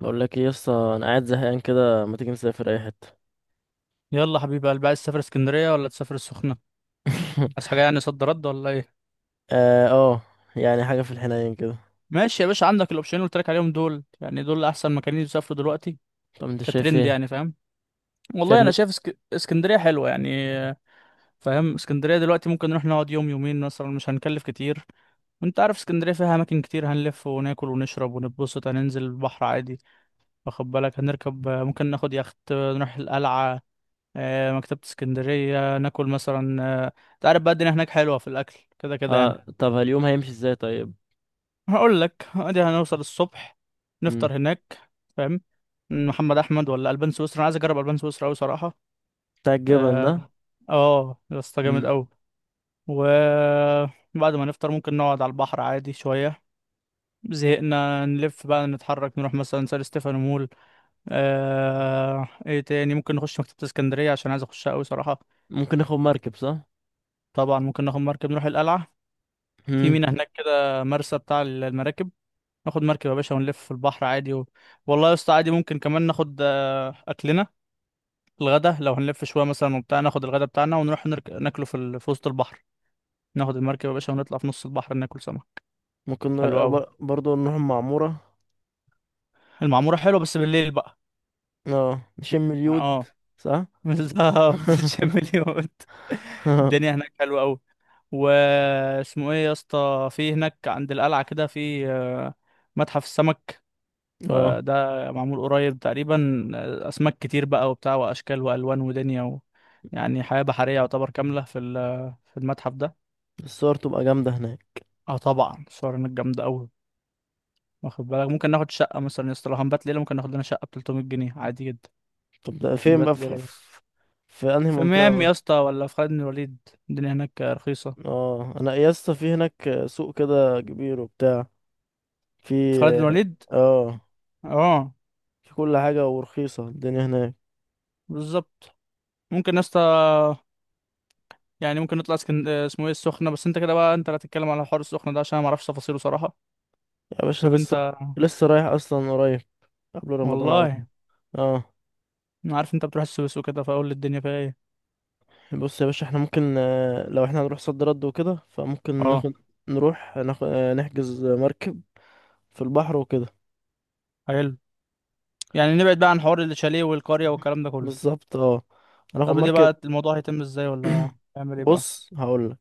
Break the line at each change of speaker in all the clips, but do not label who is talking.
بقول لك ايه يا اسطى. انا قاعد زهقان كده، ما تيجي نسافر اي حته؟
يلا حبيبي قلبي، عايز تسافر اسكندريه ولا تسافر السخنه؟ عايز حاجه يعني صد رد ولا ايه؟
اه. يعني حاجه في الحنين كده.
ماشي يا باشا، عندك الاوبشنين اللي قلت لك عليهم دول، يعني دول احسن مكانين يسافروا دلوقتي
طب انت شايف
كترند،
ايه؟
يعني فاهم.
شايف
والله انا
ن...
شايف اسكندريه حلوه يعني. فاهم اسكندريه دلوقتي ممكن نروح نقعد يوم يومين مثلا، مش هنكلف كتير. وانت عارف اسكندريه فيها اماكن كتير، هنلف وناكل ونشرب ونتبسط، هننزل البحر عادي. واخد بالك؟ هنركب، ممكن ناخد يخت نروح القلعه، مكتبه اسكندريه، ناكل مثلا، انت عارف بقى الدنيا هناك حلوه في الاكل كده كده يعني.
اه، طب اليوم هيمشي ازاي طيب؟
هقول لك ادي، هنوصل الصبح
امم.
نفطر هناك، فاهم؟ محمد احمد ولا البان سويسرا؟ انا عايز اجرب البان سويسرا قوي صراحه.
بتاع الجبل ده؟
اه اه يا اسطى جامد
امم.
قوي. وبعد ما نفطر ممكن نقعد على البحر عادي شويه، زهقنا نلف بقى نتحرك نروح مثلا سان ستيفانو مول. ايه تاني؟ ممكن نخش مكتبة اسكندرية عشان عايز اخشها قوي صراحة.
ممكن ناخد مركب صح؟
طبعا ممكن ناخد مركب نروح القلعة، في
مم.
مينا هناك كده، مرسى بتاع المراكب. ناخد مركب يا باشا ونلف في البحر عادي والله يا اسطى عادي، ممكن كمان ناخد اكلنا الغدا لو هنلف شويه مثلا وبتاع، ناخد الغدا بتاعنا ونروح ناكله في وسط البحر. ناخد المركب يا باشا ونطلع في نص البحر ناكل سمك.
ممكن
حلو قوي.
برضه نروح المعموره.
المعموره حلوه بس بالليل بقى.
اه، نشم اليود.
اه،
صح.
بالظبط تشم اليود. الدنيا هناك حلوه قوي. واسمه ايه يا اسطى في هناك عند القلعه كده؟ في متحف السمك،
اه،
ده معمول قريب تقريبا، اسماك كتير بقى وبتاع واشكال والوان ودنيا يعني حياه بحريه يعتبر كامله في المتحف ده.
الصور تبقى جامده هناك.
اه طبعا الصور هناك جامده قوي. واخد بالك ممكن ناخد شقه مثلا يا اسطى؟ لو هنبات ليله ممكن ناخد لنا شقه ب 300 جنيه عادي جدا.
طب ده فين بقى
نبات ليله بس.
في انهي
في
منطقه
ميامي
بقى؟
يا اسطى ولا في خالد بن الوليد؟ الدنيا هناك رخيصه.
اه، انا يا اسطى في هناك سوق كده كبير وبتاع. في.
في خالد بن الوليد.
اه،
اه،
في كل حاجة ورخيصة، الدنيا هناك.
بالظبط. ممكن يا اسطى، يعني ممكن نطلع اسكن اسمه ايه، السخنه، بس انت كده بقى، انت لا تتكلم على حوار السخنه ده عشان انا ما اعرفش تفاصيله صراحه.
يا باشا أنا
شوف انت.
لسه رايح أصلا قريب، قبل رمضان على طول.
والله
اه.
انا عارف انت بتروح السويس وكده، فاقول الدنيا فيها ايه.
بص يا باشا احنا ممكن، لو احنا هنروح صد رد وكده، فممكن
اه،
ناخد نروح ناخد، نحجز مركب في البحر وكده.
حلو. يعني نبعد بقى عن حوار الشاليه والقرية والكلام ده كله.
بالظبط، اه، هناخد
طب دي
مركب.
بقى الموضوع هيتم ازاي ولا هيعمل ايه بقى؟
بص هقولك،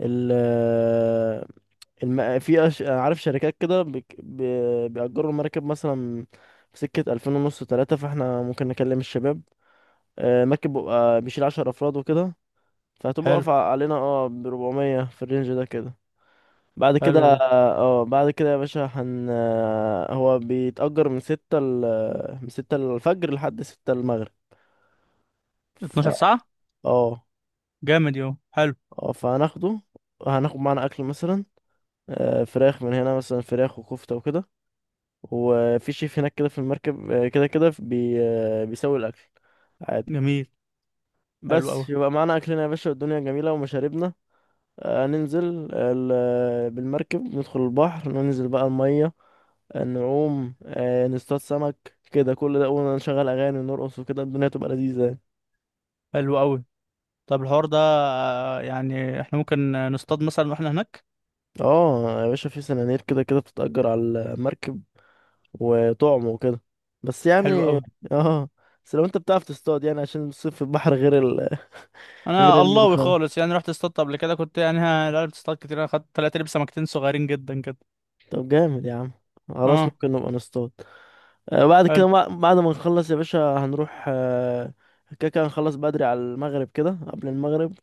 ال آه، عارف شركات كده بيأجروا المركب مثلا في سكة ألفين ونص تلاتة، فاحنا ممكن نكلم الشباب. مركب بيبقى بيشيل 10 أفراد وكده، فهتبقى
حلو.
واقفة علينا، اه، ب 400 في الرينج ده كده. بعد كده
حلو ده.
اه آه، بعد كده يا باشا، هن آه، هو بيتأجر من 6 الفجر لحد 6 المغرب. ف
12 ساعة،
اه.
جامد، يوم حلو.
اه، فهناخده، هناخد معانا أكل مثلا، فراخ من هنا، مثلا فراخ وكفتة وكده. وفي شيف هناك كده في المركب، كده كده بي... آه، بيسوي الأكل عادي.
جميل. حلو قوي.
بس يبقى معانا أكلنا يا باشا، والدنيا جميلة ومشاربنا. ننزل بالمركب ندخل البحر، ننزل بقى المية، نعوم، نصطاد سمك، كده كل ده، ونشغل أغاني ونرقص وكده، الدنيا تبقى لذيذة يعني.
حلو قوي. طب الحوار ده، يعني احنا ممكن نصطاد مثلا واحنا هناك؟
اه يا باشا، في سنانير كده كده بتتأجر على المركب وطعم وكده، بس
حلو
يعني.
قوي.
اه. بس لو انت بتعرف تصطاد، يعني عشان الصيد في البحر غير
انا
النيل
اللهوي
خالص.
خالص يعني، رحت اصطادت قبل كده، كنت يعني لا بتصطاد كتير، انا خدت طلعت لي بسمكتين صغيرين جدا كده.
طب جامد يا عم، خلاص
اه.
ممكن نبقى نصطاد. بعد ما نخلص يا باشا، هنروح، كده كده هنخلص بدري على المغرب، كده قبل المغرب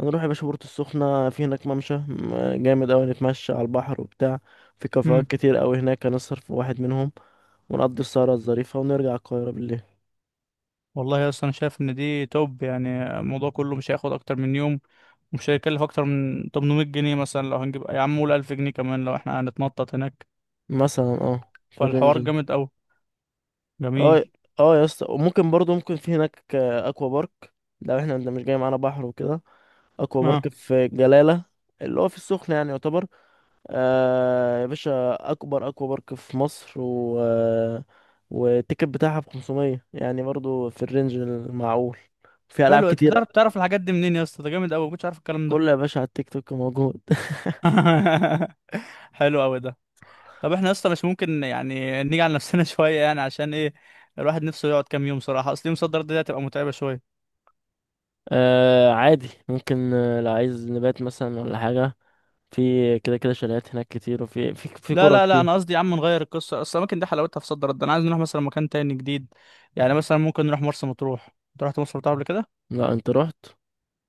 هنروح يا باشا بورتو السخنة. في هناك ممشى جامد أوي، نتمشى على البحر وبتاع. في
حلو.
كافيهات كتير أوي هناك، هنسهر في واحد منهم، ونقضي السهرة الظريفة ونرجع القاهرة بالليل.
والله اصلا انا شايف ان دي توب، يعني الموضوع كله مش هياخد اكتر من يوم، ومش هيكلف اكتر من 800 جنيه مثلا، لو هنجيب يا عم قول 1000 جنيه كمان لو احنا هنتنطط هناك.
مثلا اه، في الرينج
فالحوار
ده.
جامد قوي. جميل.
اه. اه يا اسطى، وممكن برضو ممكن في هناك اكوا بارك، لو احنا ده مش جاي معانا بحر وكده. اكوا بارك
اه،
في جلالة اللي هو في السخنة، يعني يعتبر، يا باشا، اكبر اكوا بارك في مصر، و آه، والتيكت بتاعها ب 500، يعني برضو في الرينج المعقول. في العاب
حلو. انت
كتير.
بتعرف تعرف الحاجات دي منين يا اسطى؟ ده جامد قوي، ما كنتش عارف الكلام ده.
كله يا باشا على التيك توك موجود.
حلو قوي ده. طب احنا اصلا مش ممكن يعني نيجي على نفسنا شويه يعني عشان ايه؟ الواحد نفسه يقعد كام يوم صراحه، اصل يوم صدر دي هتبقى متعبه شويه.
عادي، ممكن، لو عايز نبات مثلا ولا حاجه، في كده كده شاليهات هناك كتير، وفي في في
لا
كوره
لا لا
كتير.
انا قصدي يا عم نغير القصه، اصل الاماكن دي حلاوتها في صد رد. انا عايز نروح مثلا مكان تاني جديد. يعني مثلا ممكن نروح مرسى مطروح. انت رحت مرسى مطروح قبل كده؟
لا انت رحت.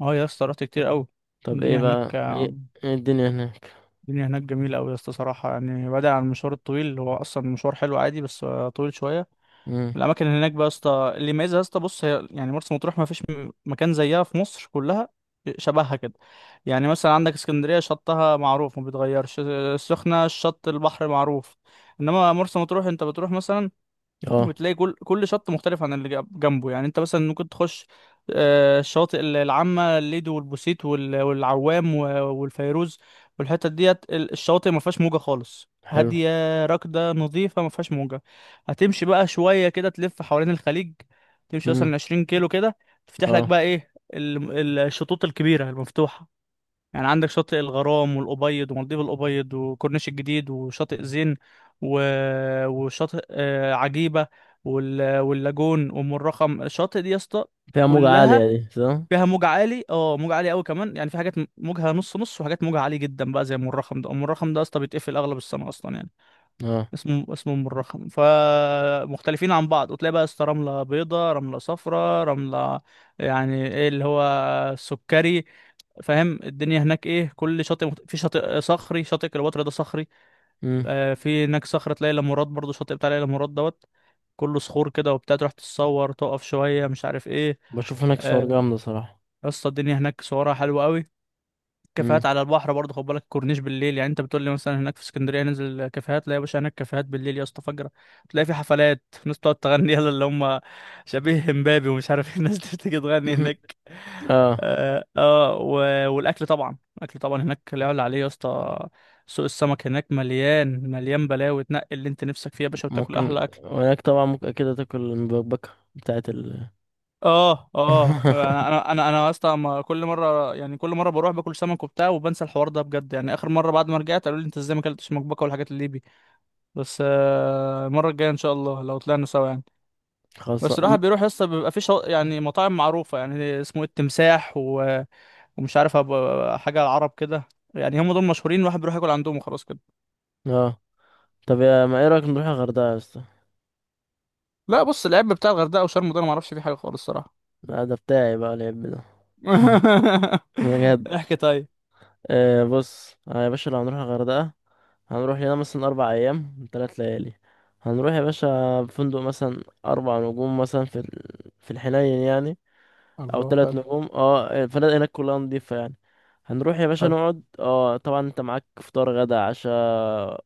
اه يا اسطى، رحت كتير قوي.
طب ايه
الدنيا هناك،
بقى ايه؟ إيه الدنيا هناك؟
الدنيا هناك جميله قوي يا اسطى صراحه، يعني بعيد عن المشوار الطويل، هو اصلا مشوار حلو عادي بس طويل شويه.
امم.
الاماكن هناك بقى يا اسطى اللي يميزها يا اسطى، بص، هي يعني مرسى مطروح ما فيش مكان زيها في مصر كلها، شبهها كده. يعني مثلا عندك اسكندريه شطها معروف ما بيتغيرش، السخنه الشط البحر معروف، انما مرسى مطروح انت بتروح مثلا
اه.
وتلاقي كل شط مختلف عن اللي جنبه. يعني انت مثلا ممكن تخش الشواطئ العامة، الليدو والبوسيت والعوام والفيروز والحتت ديت الشواطئ ما فيهاش موجة خالص،
حلو.
هادية راكدة نظيفة ما فيهاش موجة. هتمشي بقى شوية كده تلف حوالين الخليج، تمشي
امم.
مثلا 20 كيلو كده، تفتح لك
اه،
بقى ايه الشطوط الكبيرة المفتوحة. يعني عندك شاطئ الغرام والأبيض ومالديف الأبيض وكورنيش الجديد وشاطئ زين و... وشاطئ عجيبة واللاجون وأم الرخم. الشاطئ دي يا اسطى
فيها موجة
كلها
عالية دي صح؟
فيها موج عالي، اه موج عالي قوي كمان، يعني في حاجات موجها نص نص وحاجات موجها عالي جدا بقى زي أم الرخم ده. أم الرخم ده يا اسطى بيتقفل أغلب السنة أصلا، يعني
اه.
اسمه ام الرخم، فمختلفين عن بعض. وتلاقي بقى اسطى رملة بيضة، رملة صفراء، رملة يعني ايه، اللي هو سكري. فاهم الدنيا هناك ايه؟ كل شاطئ في شاطئ صخري، شاطئ كليوباترا ده صخري.
امم.
آه في هناك صخرة، تلاقي لامورات مراد برضه، شاطئ بتاع ليلى مراد دوت، كله صخور كده وبتاع، تروح تتصور تقف شوية مش عارف ايه.
بشوف هناك صور
آه،
جامدة صراحة.
يا اسطى الدنيا هناك صورها حلوة قوي. كافيهات
مم.
على البحر برضه خد بالك، كورنيش بالليل. يعني انت بتقول لي مثلا هناك في اسكندريه ننزل كافيهات، لا يا باشا، هناك كافيهات بالليل يا اسطى فجره. تلاقي في حفلات، ناس بتقعد تغني يلا اللي هم شبيه امبابي ومش عارف ايه، الناس دي بتيجي تغني
مهم.
هناك.
اه.
اه، والاكل طبعا، الاكل طبعا هناك لا يعلى عليه يا اسطى. سوق السمك هناك مليان، مليان بلاوي، تنقي اللي انت نفسك فيه يا باشا وتاكل
ممكن،
احلى اكل.
وهناك طبعا ممكن اكيد تاكل المبكبكة بتاعت.
اه اه، انا انا انا انا اصلا كل مره يعني، كل مره بروح باكل سمك وبتاع وبنسى الحوار ده بجد يعني. اخر مره بعد ما رجعت قالوا لي انت ازاي ما اكلتش مكبكه والحاجات اللي بي، بس المره الجايه ان شاء الله لو طلعنا سوا يعني.
خلاص.
بس الواحد بيروح يسطا بيبقى في يعني مطاعم معروفه، يعني اسمه إيه، التمساح ومش عارف أبقى حاجه العرب كده، يعني هم دول مشهورين، الواحد بيروح ياكل عندهم وخلاص كده.
اه، طب يا ما، ايه رايك نروح الغردقة يا اسطى؟
لا بص، العيب بتاع الغردقه وشرم ده انا ما اعرفش فيه حاجه خالص الصراحه.
لا، ده بتاعي بقى العيب ده، بجد.
احكي طيب.
بص، يا باشا، لو هنروح الغردقة، هنروح لنا مثلا 4 ايام 3 ليالي. هنروح يا باشا فندق مثلا 4 نجوم مثلا في الحنين يعني، او
الله،
ثلاث
حلو.
نجوم اه، الفنادق هناك كلها نضيفة يعني. هنروح يا باشا
حلو.
نقعد، اه، طبعا انت معاك فطار غدا عشاء،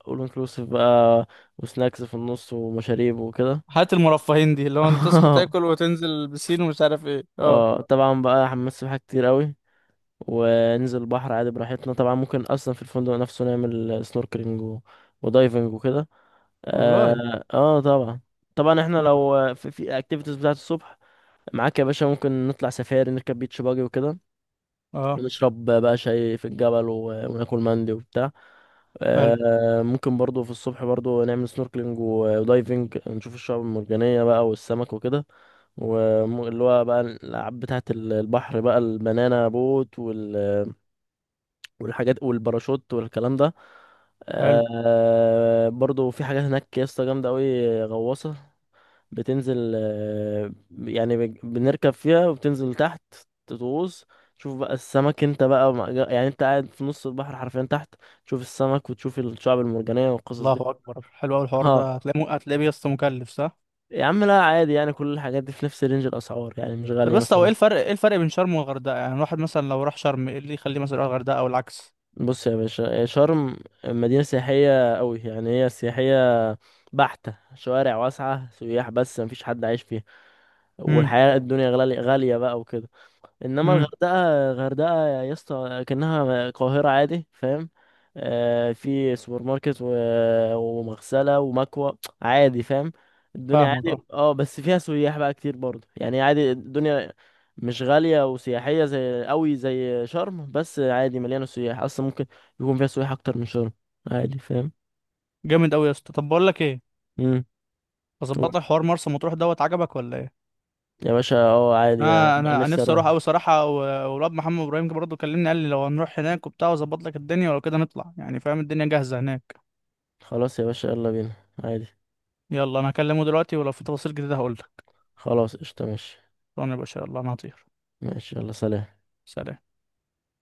اول انكلوسيف بقى، وسناكس في النص ومشاريب وكده.
حياة المرفهين دي اللي هو انت تصحى تاكل وتنزل البسين ومش عارف ايه، اه.
اه، طبعا بقى حمام سباحة كتير قوي، وننزل البحر عادي براحتنا. طبعا ممكن اصلا في الفندق نفسه نعمل سنوركلينج ودايفنج وكده.
والله.
اه، طبعا، طبعا احنا
اه،
لو في اكتيفيتيز بتاعت الصبح، معاك يا باشا، ممكن نطلع سفاري، نركب بيتش باجي وكده،
آه.
نشرب بقى شاي في الجبل، وناكل مندي وبتاع.
حلو.
ممكن برضو في الصبح برضو نعمل سنوركلينج ودايفنج، نشوف الشعاب المرجانية بقى والسمك وكده. واللي هو بقى الألعاب بتاعة البحر بقى، البنانا بوت والحاجات والباراشوت والكلام ده.
حلو.
برضو في حاجات هناك يا اسطى جامدة أوي، غواصة بتنزل، يعني بنركب فيها وبتنزل تحت، تغوص، تشوف بقى السمك. انت بقى يعني انت قاعد في نص البحر حرفيا تحت، تشوف السمك وتشوف الشعب المرجانية والقصص دي.
الله اكبر، حلو قوي الحوار
اه.
ده، هتلاقيه هتلاقيه بس مكلف، صح؟
يا عم لا عادي، يعني كل الحاجات دي في نفس رينج الأسعار، يعني مش
طب
غالية
بس هو
مثلا.
ايه الفرق، ايه الفرق بين شرم والغردقة؟ يعني الواحد مثلا لو راح شرم ايه اللي يخليه مثلا يروح الغردقة او العكس؟
بص يا باشا، شرم مدينة سياحية قوي، يعني هي سياحية بحتة، شوارع واسعة، سياح، بس مفيش حد عايش فيها،
امم.
والحياة الدنيا غالية غالية بقى وكده. انما
امم.
الغردقه، يا اسطى، كانها القاهره عادي، فاهم؟ في سوبر ماركت ومغسله ومكوى، عادي فاهم، الدنيا
فاهمك، اه.
عادي. اه، بس فيها سياح بقى كتير برضه، يعني عادي الدنيا، مش غاليه وسياحيه زي قوي زي شرم، بس عادي مليانه سياح، اصلا ممكن يكون فيها سياح اكتر من شرم، عادي فاهم.
جامد قوي يا اسطى. طب بقول لك ايه،
امم.
اظبط لك حوار مرسى مطروح دوت، عجبك ولا ايه؟
يا باشا اه، عادي انا
انا انا أنا
نفسي
نفسي
اروح.
اروح قوي صراحه والواد محمد ابراهيم برضه كلمني، قال لي لو هنروح هناك وبتاع واظبط لك الدنيا، ولو كده نطلع يعني، فاهم، الدنيا جاهزه هناك.
خلاص يا باشا يلا بينا، عادي.
يلا، انا هكلمه دلوقتي ولو في تفاصيل جديدة هقولك.
خلاص قشطه، ماشي.
طبعا يا باشا، يلا انا هطير.
ماشي، يلا، سلام.
سلام.